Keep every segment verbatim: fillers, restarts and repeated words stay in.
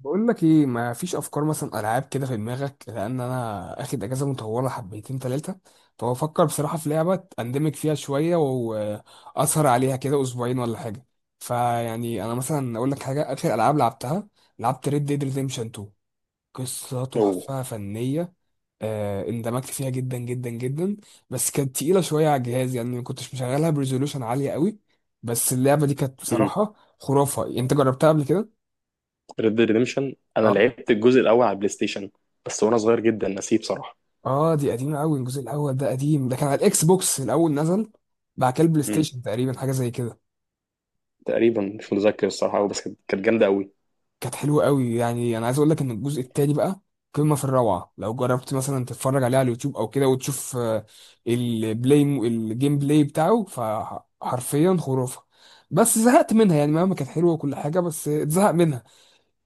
بقول لك ايه، ما فيش افكار مثلا العاب كده في دماغك؟ لان انا اخد اجازه مطوله حبيتين ثلاثه، فبفكر بصراحه في لعبه اندمج فيها شويه واسهر عليها كده اسبوعين ولا حاجه. فيعني انا مثلا اقول لك حاجه، اخر العاب لعبتها لعبت ريد ديد ريديمشن اتنين. قصه اوه. تحفه فنيه. آه، اندمجت فيها جدا جدا جدا. بس كانت تقيله شويه على الجهاز، يعني ما كنتش مشغلها بريزولوشن عاليه قوي. بس اللعبه دي كانت بصراحه خرافه. انت جربتها قبل كده؟ ريد ديد ريديمشن انا آه. لعبت الجزء الاول على البلاي ستيشن بس وانا صغير جدا، نسيت بصراحه. اه دي قديمة قوي، الجزء الاول ده قديم، ده كان على الاكس بوكس الاول نزل، بعد كده البلاي مم. ستيشن تقريبا حاجة زي كده. تقريبا مش متذكر الصراحه أوي، بس كانت كانت جامده قوي. كانت حلوة قوي. يعني انا عايز اقول لك ان الجزء التاني بقى قمة في الروعة. لو جربت مثلا تتفرج عليه على اليوتيوب او كده وتشوف آه، البلاي الجيم بلاي بتاعه، فحرفيا خرافة. بس زهقت منها، يعني مهما كانت حلوة وكل حاجة بس اتزهق منها.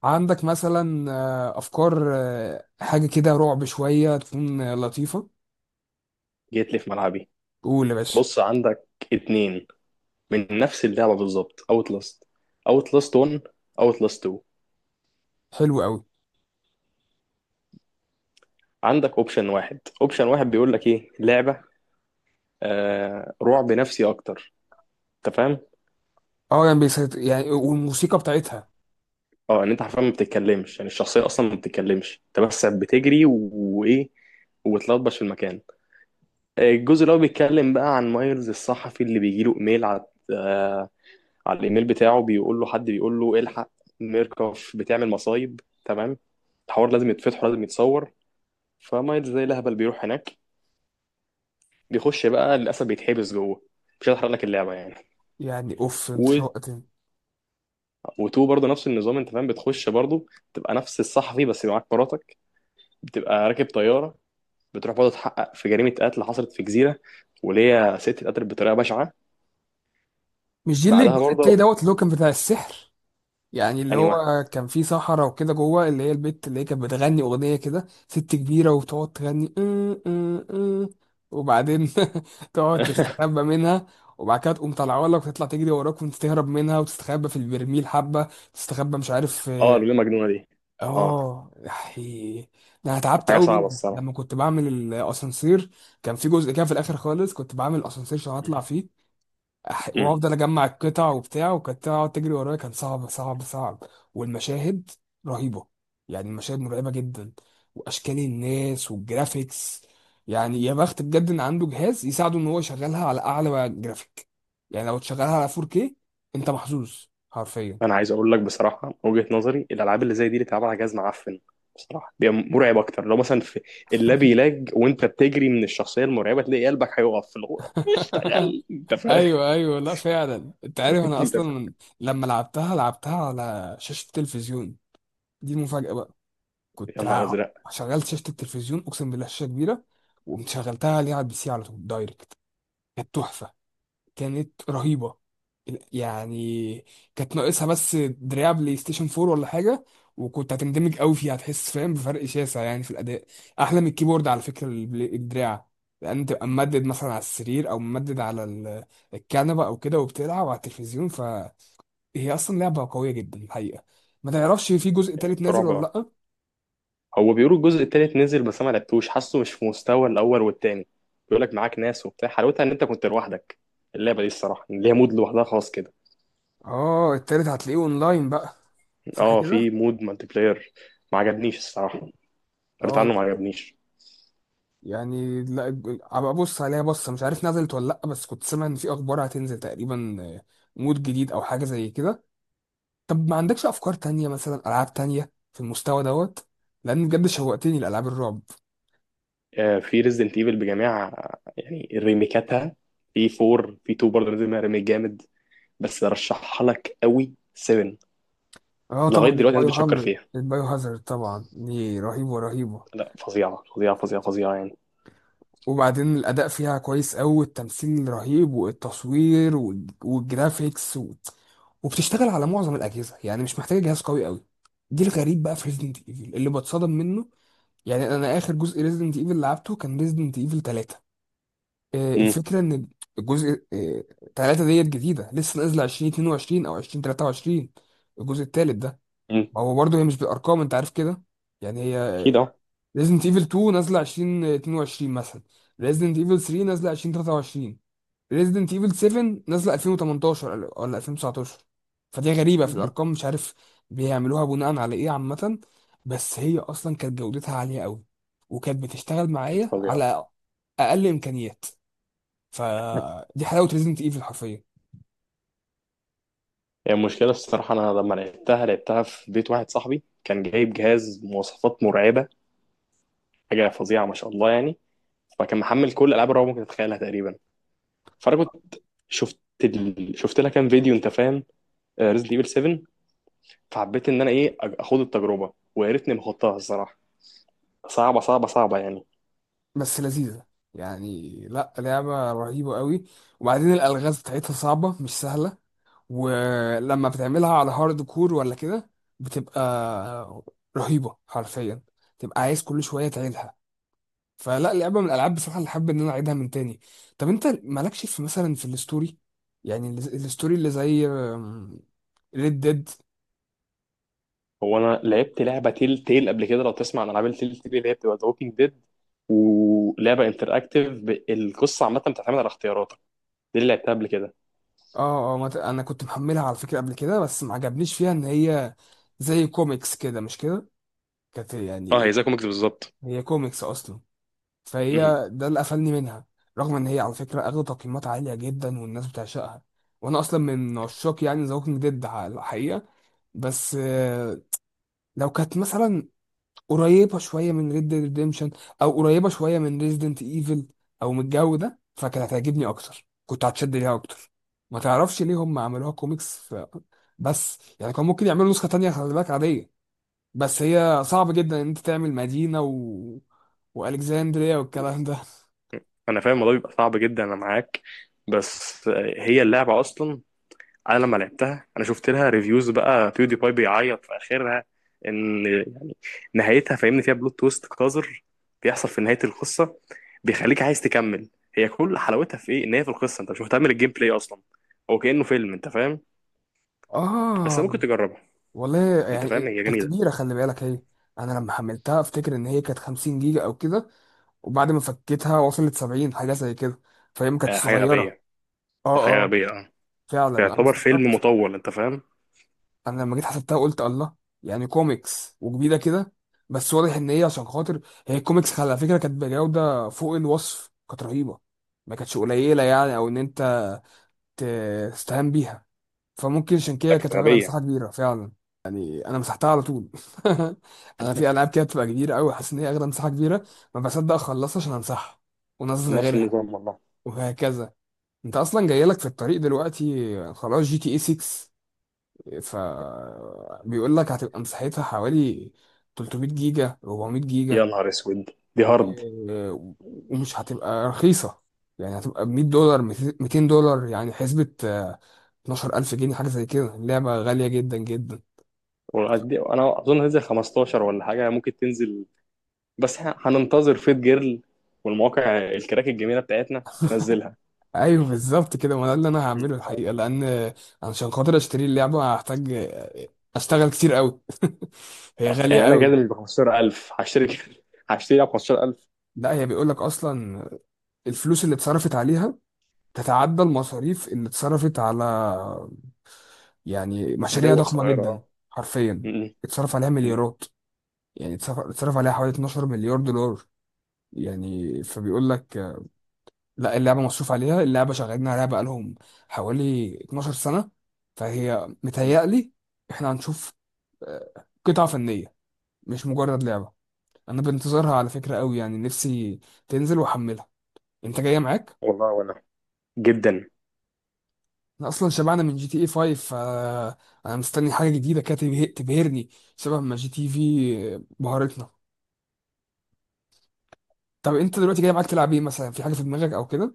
عندك مثلا آه، افكار آه، حاجة كده رعب شوية تكون آه، لطيفة؟ جيت لي في ملعبي. قول يا باشا. بص، عندك اتنين من نفس اللعبه بالظبط: اوت لاست، اوت لاست واحد، اوت لاست اتنين. حلو قوي. عندك اوبشن واحد، اوبشن واحد بيقول لك ايه لعبه آه رعب نفسي اكتر، انت فاهم؟ اه يعني بيسيطر يعني، والموسيقى بتاعتها. اه، ان انت حرفيا ما بتتكلمش، يعني الشخصيه اصلا ما بتتكلمش، انت بس بتجري و- وايه، وتلطبش في المكان. الجزء اللي هو بيتكلم بقى عن مايلز الصحفي اللي بيجيله ايميل على آه، على الايميل بتاعه، بيقول له حد بيقول له الحق، ميركوف بتعمل مصايب. تمام. الحوار لازم يتفتح ولازم يتصور، فمايلز زي الهبل بيروح هناك، بيخش بقى، للاسف بيتحبس جوه. مش هحرق لك اللعبه يعني. يعني اوف انت و... شوقتني. وتو برضه نفس النظام، انت فاهم، بتخش برضه، تبقى نفس الصحفي بس معاك مراتك، بتبقى راكب طياره، بتروح برضه تحقق في جريمه قتل حصلت في جزيره، وليا ست اتقتلت بطريقه بشعه. مش دي اللي بعدها الجزء التاني برضه دوت اللي هو كان بتاع السحر؟ يعني اللي اني واحد. هو كان فيه صحراء وكده جوه، اللي هي البت اللي هي كانت بتغني اغنيه كده، ست كبيره وبتقعد تغني ام ام ام، وبعدين تقعد تستخبى منها. وبعد كده تقوم طالعه لك وتطلع تجري وراك وانت تهرب منها وتستخبى في البرميل حبه. تستخبى مش عارف. اه، الجمله المجنونه دي. اه. اه يحي. ده انا كانت تعبت حاجه قوي صعبه منهم الصراحه. لما كنت بعمل الاسانسير. كان في جزء كده في الاخر خالص كنت بعمل اسانسير عشان اطلع فيه، أح- امم وافضل اجمع القطع وبتاع، وكانت تقعد تجري ورايا، كان صعب صعب صعب. والمشاهد رهيبه، يعني المشاهد مرعبه جدا، واشكال الناس والجرافيكس. يعني يا بخت بجد ان عنده جهاز يساعده ان هو يشغلها على اعلى جرافيك. يعني لو تشغلها على فور كيه انت محظوظ حرفيا. انا عايز اقول لك بصراحه، من وجهه نظري الالعاب اللي زي دي اللي اتلعب على جهاز معفن، بصراحه دي مرعب اكتر. لو مثلا في اللاب يلاج وانت بتجري من الشخصيه المرعبه، تلاقي قلبك هيقف في الغور، اشتغل، انت فاهم. ايوه ايوه، لا فعلا انت عارف انا انت فاهم. اصلا لما لعبتها لعبتها على شاشه التلفزيون. دي المفاجاه بقى. يا كنت نهار ع- ازرق. شغلت شاشه التلفزيون، اقسم بالله شاشه كبيره، ومشغلتها عليها على البي سي على طول دايركت. كانت تحفه، كانت رهيبة يعني. كانت ناقصها بس دراع بلاي ستيشن فور ولا حاجة، وكنت هتندمج قوي فيها، هتحس فاهم بفرق شاسع يعني في الأداء، أحلى من الكيبورد على فكرة البل- الدراع. لأن تبقى ممدد مثلا على السرير أو ممدد على ال- الكنبة أو كده وبتلعب على التلفزيون، فهي أصلا لعبة قوية جدا الحقيقة. ما تعرفش في جزء تالت نازل رعب ولا أهو. لأ؟ هو بيقولوا الجزء التالت نزل، بس انا ما لعبتوش، حاسه مش في مستوى الاول والتاني. بيقول لك معاك ناس وبتاع، حلاوتها ان انت كنت لوحدك. اللعبه دي الصراحه ليها مود لوحدها خاص كده. آه التالت هتلاقيه أونلاين بقى، صح اه، كده؟ في مود مالتي بلاير. ما عجبنيش الصراحه، فارت عنه، آه ما عجبنيش. يعني لا ابقى ابص عليها بصه، مش عارف نزلت ولا لا، بس كنت سامع ان في اخبار هتنزل تقريبا آه، مود جديد او حاجه زي كده. طب ما عندكش افكار تانية مثلا، العاب تانية في المستوى دوت؟ لان بجد شوقتني لالعاب الرعب. آه، في ريزدنت ايفل بجميع يعني ريميكاتها. في أربع، في اتنين برضه نزل منها ريميك جامد، بس رشحها لك قوي سبعة. اه لغايه طبعا دلوقتي الناس البايو بتشكر هامر فيها. البايو هازارد، طبعا دي رهيبه رهيبه، لا، فظيعه فظيعه فظيعه فظيعه يعني. وبعدين الاداء فيها كويس قوي والتمثيل رهيب والتصوير وال- والجرافيكس و... وبتشتغل على معظم الاجهزه، يعني مش محتاجه جهاز قوي قوي. دي الغريب بقى في ريزنت ايفل اللي بتصدم منه. يعني انا اخر جزء ريزيدنت ايفل لعبته كان ريزيدنت ايفل ثلاثه. آه، امم الفكره ان الجزء آه، تلاته ديت جديده لسه نازله الفين واتنين وعشرين او الفين وتلاته وعشرين، الجزء الثالث ده. امم ما هو برضه هي مش بالارقام انت عارف كده، يعني هي اكيد، اه. ريزيدنت ايفل اتنين نازله الفين واتنين وعشرين مثلا، ريزيدنت ايفل ثلاثه نازله الفين وتلاته وعشرين، ريزيدنت ايفل سبعه نازله الفين وتمنتاشر ولا الفين وتسعتاشر. فدي غريبه في مم. الارقام، مش عارف بيعملوها بناء على ايه عامه. بس هي اصلا كانت جودتها عاليه قوي، وكانت بتشتغل كانت معايا فظيعه. على اقل امكانيات. فدي حلاوه ريزيدنت ايفل حرفيا. هي يعني المشكله الصراحه، انا لما لعبتها، لعبتها في بيت واحد صاحبي، كان جايب جهاز مواصفات مرعبه، حاجه فظيعه ما شاء الله يعني. فكان محمل كل العاب الرعب ممكن تتخيلها تقريبا. فانا كنت شفت، ال... شفت لها كام فيديو، انت فاهم، ريزد ايفل سبعة. فحبيت ان انا ايه، أج- اخد التجربه، ويا ريتني ما خدتها الصراحه. صعبه صعبه صعبه يعني. بس لذيذه يعني، لا لعبه رهيبه قوي. وبعدين الالغاز بتاعتها صعبه مش سهله، ولما بتعملها على هارد كور ولا كده بتبقى رهيبه حرفيا، تبقى عايز كل شويه تعيدها. فلا لعبه من الالعاب بصراحه اللي حابب ان انا اعيدها من تاني. طب انت مالكش في مثلا في الستوري؟ يعني ال- الستوري اللي زي ريد ديد. هو انا لعبت لعبه تيل تيل قبل كده، لو تسمع عن العاب التيل تيل اللي هي بتبقى ذا ووكينج ديد، ولعبه انتراكتيف، ب- القصه عامه بتعتمد على اختياراتك. دي اللي لعبتها قبل كده. اه اه ما ت- انا كنت محملها على فكره قبل كده بس ما عجبنيش فيها ان هي زي كوميكس كده، مش كده؟ كانت اه، هي يعني، زي كوميكس بالظبط. هي كوميكس اصلا، فهي مهم. ده اللي قفلني منها. رغم ان هي على فكره اخدت تقييمات عاليه جدا والناس بتعشقها، وانا اصلا من عشاق يعني ذا ووكينج ديد الحقيقه. بس آه، لو كانت مثلا قريبه شويه من ريد Dead ريديمشن، او قريبه شويه من ريزيدنت ايفل، او من الجو ده، فكانت هتعجبني اكتر، كنت هتشد ليها اكتر. ما تعرفش ليه هم عملوها كوميكس ف... بس يعني كان ممكن يعملوا نسخه تانية خلي بالك عاديه، بس هي صعب جدا ان انت تعمل مدينه و... والكسندريا والكلام ده. انا فاهم الموضوع بيبقى صعب جدا، انا معاك. بس آه، هي اللعبه اصلا، انا لما لعبتها، انا شفت لها ريفيوز بقى، بيودي باي بيعيط في اخرها. ان يعني، نهايتها فاهمني، فيها بلوت تويست قذر بيحصل في نهايه القصه، بيخليك عايز تكمل. هي كل حلاوتها في ايه، ان هي في القصه، انت مش مهتم بالجيم بلاي اصلا، هو كانه فيلم، انت فاهم. بس اه ممكن تجربها. والله انت فاهم، يعني هي كانت جميله. كبيره خلي بالك هي. انا لما حملتها افتكر ان هي كانت 50 جيجا او كده، وبعد ما فكيتها وصلت سبعين حاجه زي كده. فهي ما آه، كانتش حاجه صغيره. غبيه. اه حاجه اه غبيه، اه. فعلا انا يعتبر فيلم استغربت، مطول، انت فاهم. انا لما جيت حسبتها قلت الله، يعني كوميكس وجديده كده. بس واضح ان هي عشان خاطر، هي الكوميكس على فكره كانت بجوده فوق الوصف كانت رهيبه، ما كانتش قليله يعني، او ان انت ت- تستهان بيها. فممكن عشان لا كده كانت كانت واخده غبيه. مساحه كبيره فعلا. يعني انا مسحتها على طول. انا في العاب كده بتبقى كبيره قوي حاسس ان هي واخده مساحه كبيره، ما بصدق اخلصها عشان امسحها وانزل نفس غيرها، النظام والله. وهكذا. انت اصلا جايلك في الطريق دلوقتي خلاص جي تي اي سته، ف بيقول لك هتبقى مساحتها حوالي 300 جيجا 400 جيجا، يا نهار اسود. دي و... هارد. ومش هتبقى رخيصة، يعني هتبقى ب مية دولار ميتين دولار، يعني حسبة آه، اتناشر الف جنيه حاجة زي كده. اللعبة غالية جدا جدا. انا اظن هتنزل خمستاشر ولا حاجه، ممكن تنزل. بس احنا هننتظر فيت جيرل والمواقع الكراك الجميله بتاعتنا تنزلها. ايوه بالظبط كده، ما ده اللي انا هعمله انت فاهم، الحقيقة، لان عشان خاطر اشتري اللعبة هحتاج آه، اشتغل كتير قوي. هي غالية يعني انا قوي. جاي ب خمسة عشر ألف هشتري؟ هشتري خمسة عشر ألف؟ لا هي بيقول لك اصلا الفلوس اللي اتصرفت عليها تتعدى المصاريف اللي اتصرفت على، يعني مشاريع دول ضخمة صغيرة جدا، اه. حرفيا م- اتصرف عليها م- مليارات. يعني اتصرف اتصرف عليها حوالي اتناشر مليار دولار مليار دولار. يعني فبيقول لك آه، لا اللعبة مصروف عليها، اللعبة شغالين عليها بقالهم حوالي اتناشر سنه سنة. فهي م. متهيألي احنا هنشوف آه، قطعة فنية مش مجرد لعبة. انا بنتظرها على فكرة قوي، يعني نفسي تنزل واحملها. انت جاية معاك؟ والله وانا جدا. انا اصلا شبعنا من جي تي اي فايف، فانا مستني حاجة جديدة كده تبه- تبهرني شبه ما جي تي إيه في بهرتنا. طب انت دلوقتي جاي معاك تلعب ايه مثلا، في حاجه في دماغك او كده؟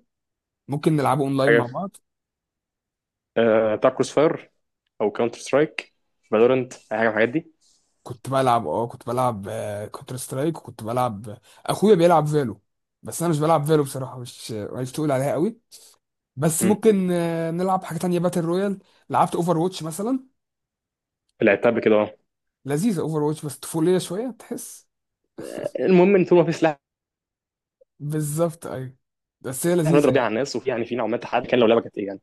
ممكن نلعبه اونلاين حاجة مع في- بعض. آه، بتاع كروس فاير او كاونتر سترايك، فالورنت، اي حاجه من الحاجات دي. كنت بلعب اه كنت بلعب كونتر سترايك، وكنت بلعب آه، اخويا بيلعب فالو، بس انا مش بلعب فالو بصراحه، مش مش تقول عليها قوي. بس م. ممكن آه، نلعب حاجه تانية باتل رويال. لعبت اوفر واتش مثلا. لعبتها قبل كده اه. لذيذه اوفر واتش بس طفوليه شويه تحس. المهم ان طول ما في سلاح بالظبط ايوه، بس هي لذيذه بنضرب بيه على يعني. الناس، وفي يعني في نوع ما تحدي، كان لو لعبه كانت ايه يعني.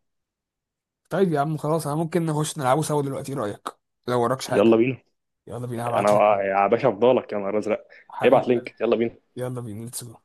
طيب يا عم خلاص، انا ممكن نخش نلعبه سوا دلوقتي، ايه رايك؟ لو وراكش حاجه. يلا بينا. يلا بينا انا هبعت لك حاجه. يا باشا افضلك، يا نهار ازرق. ابعت حبيب قلبي، لينك، يلا بينا. يلا بينا ليتس جو.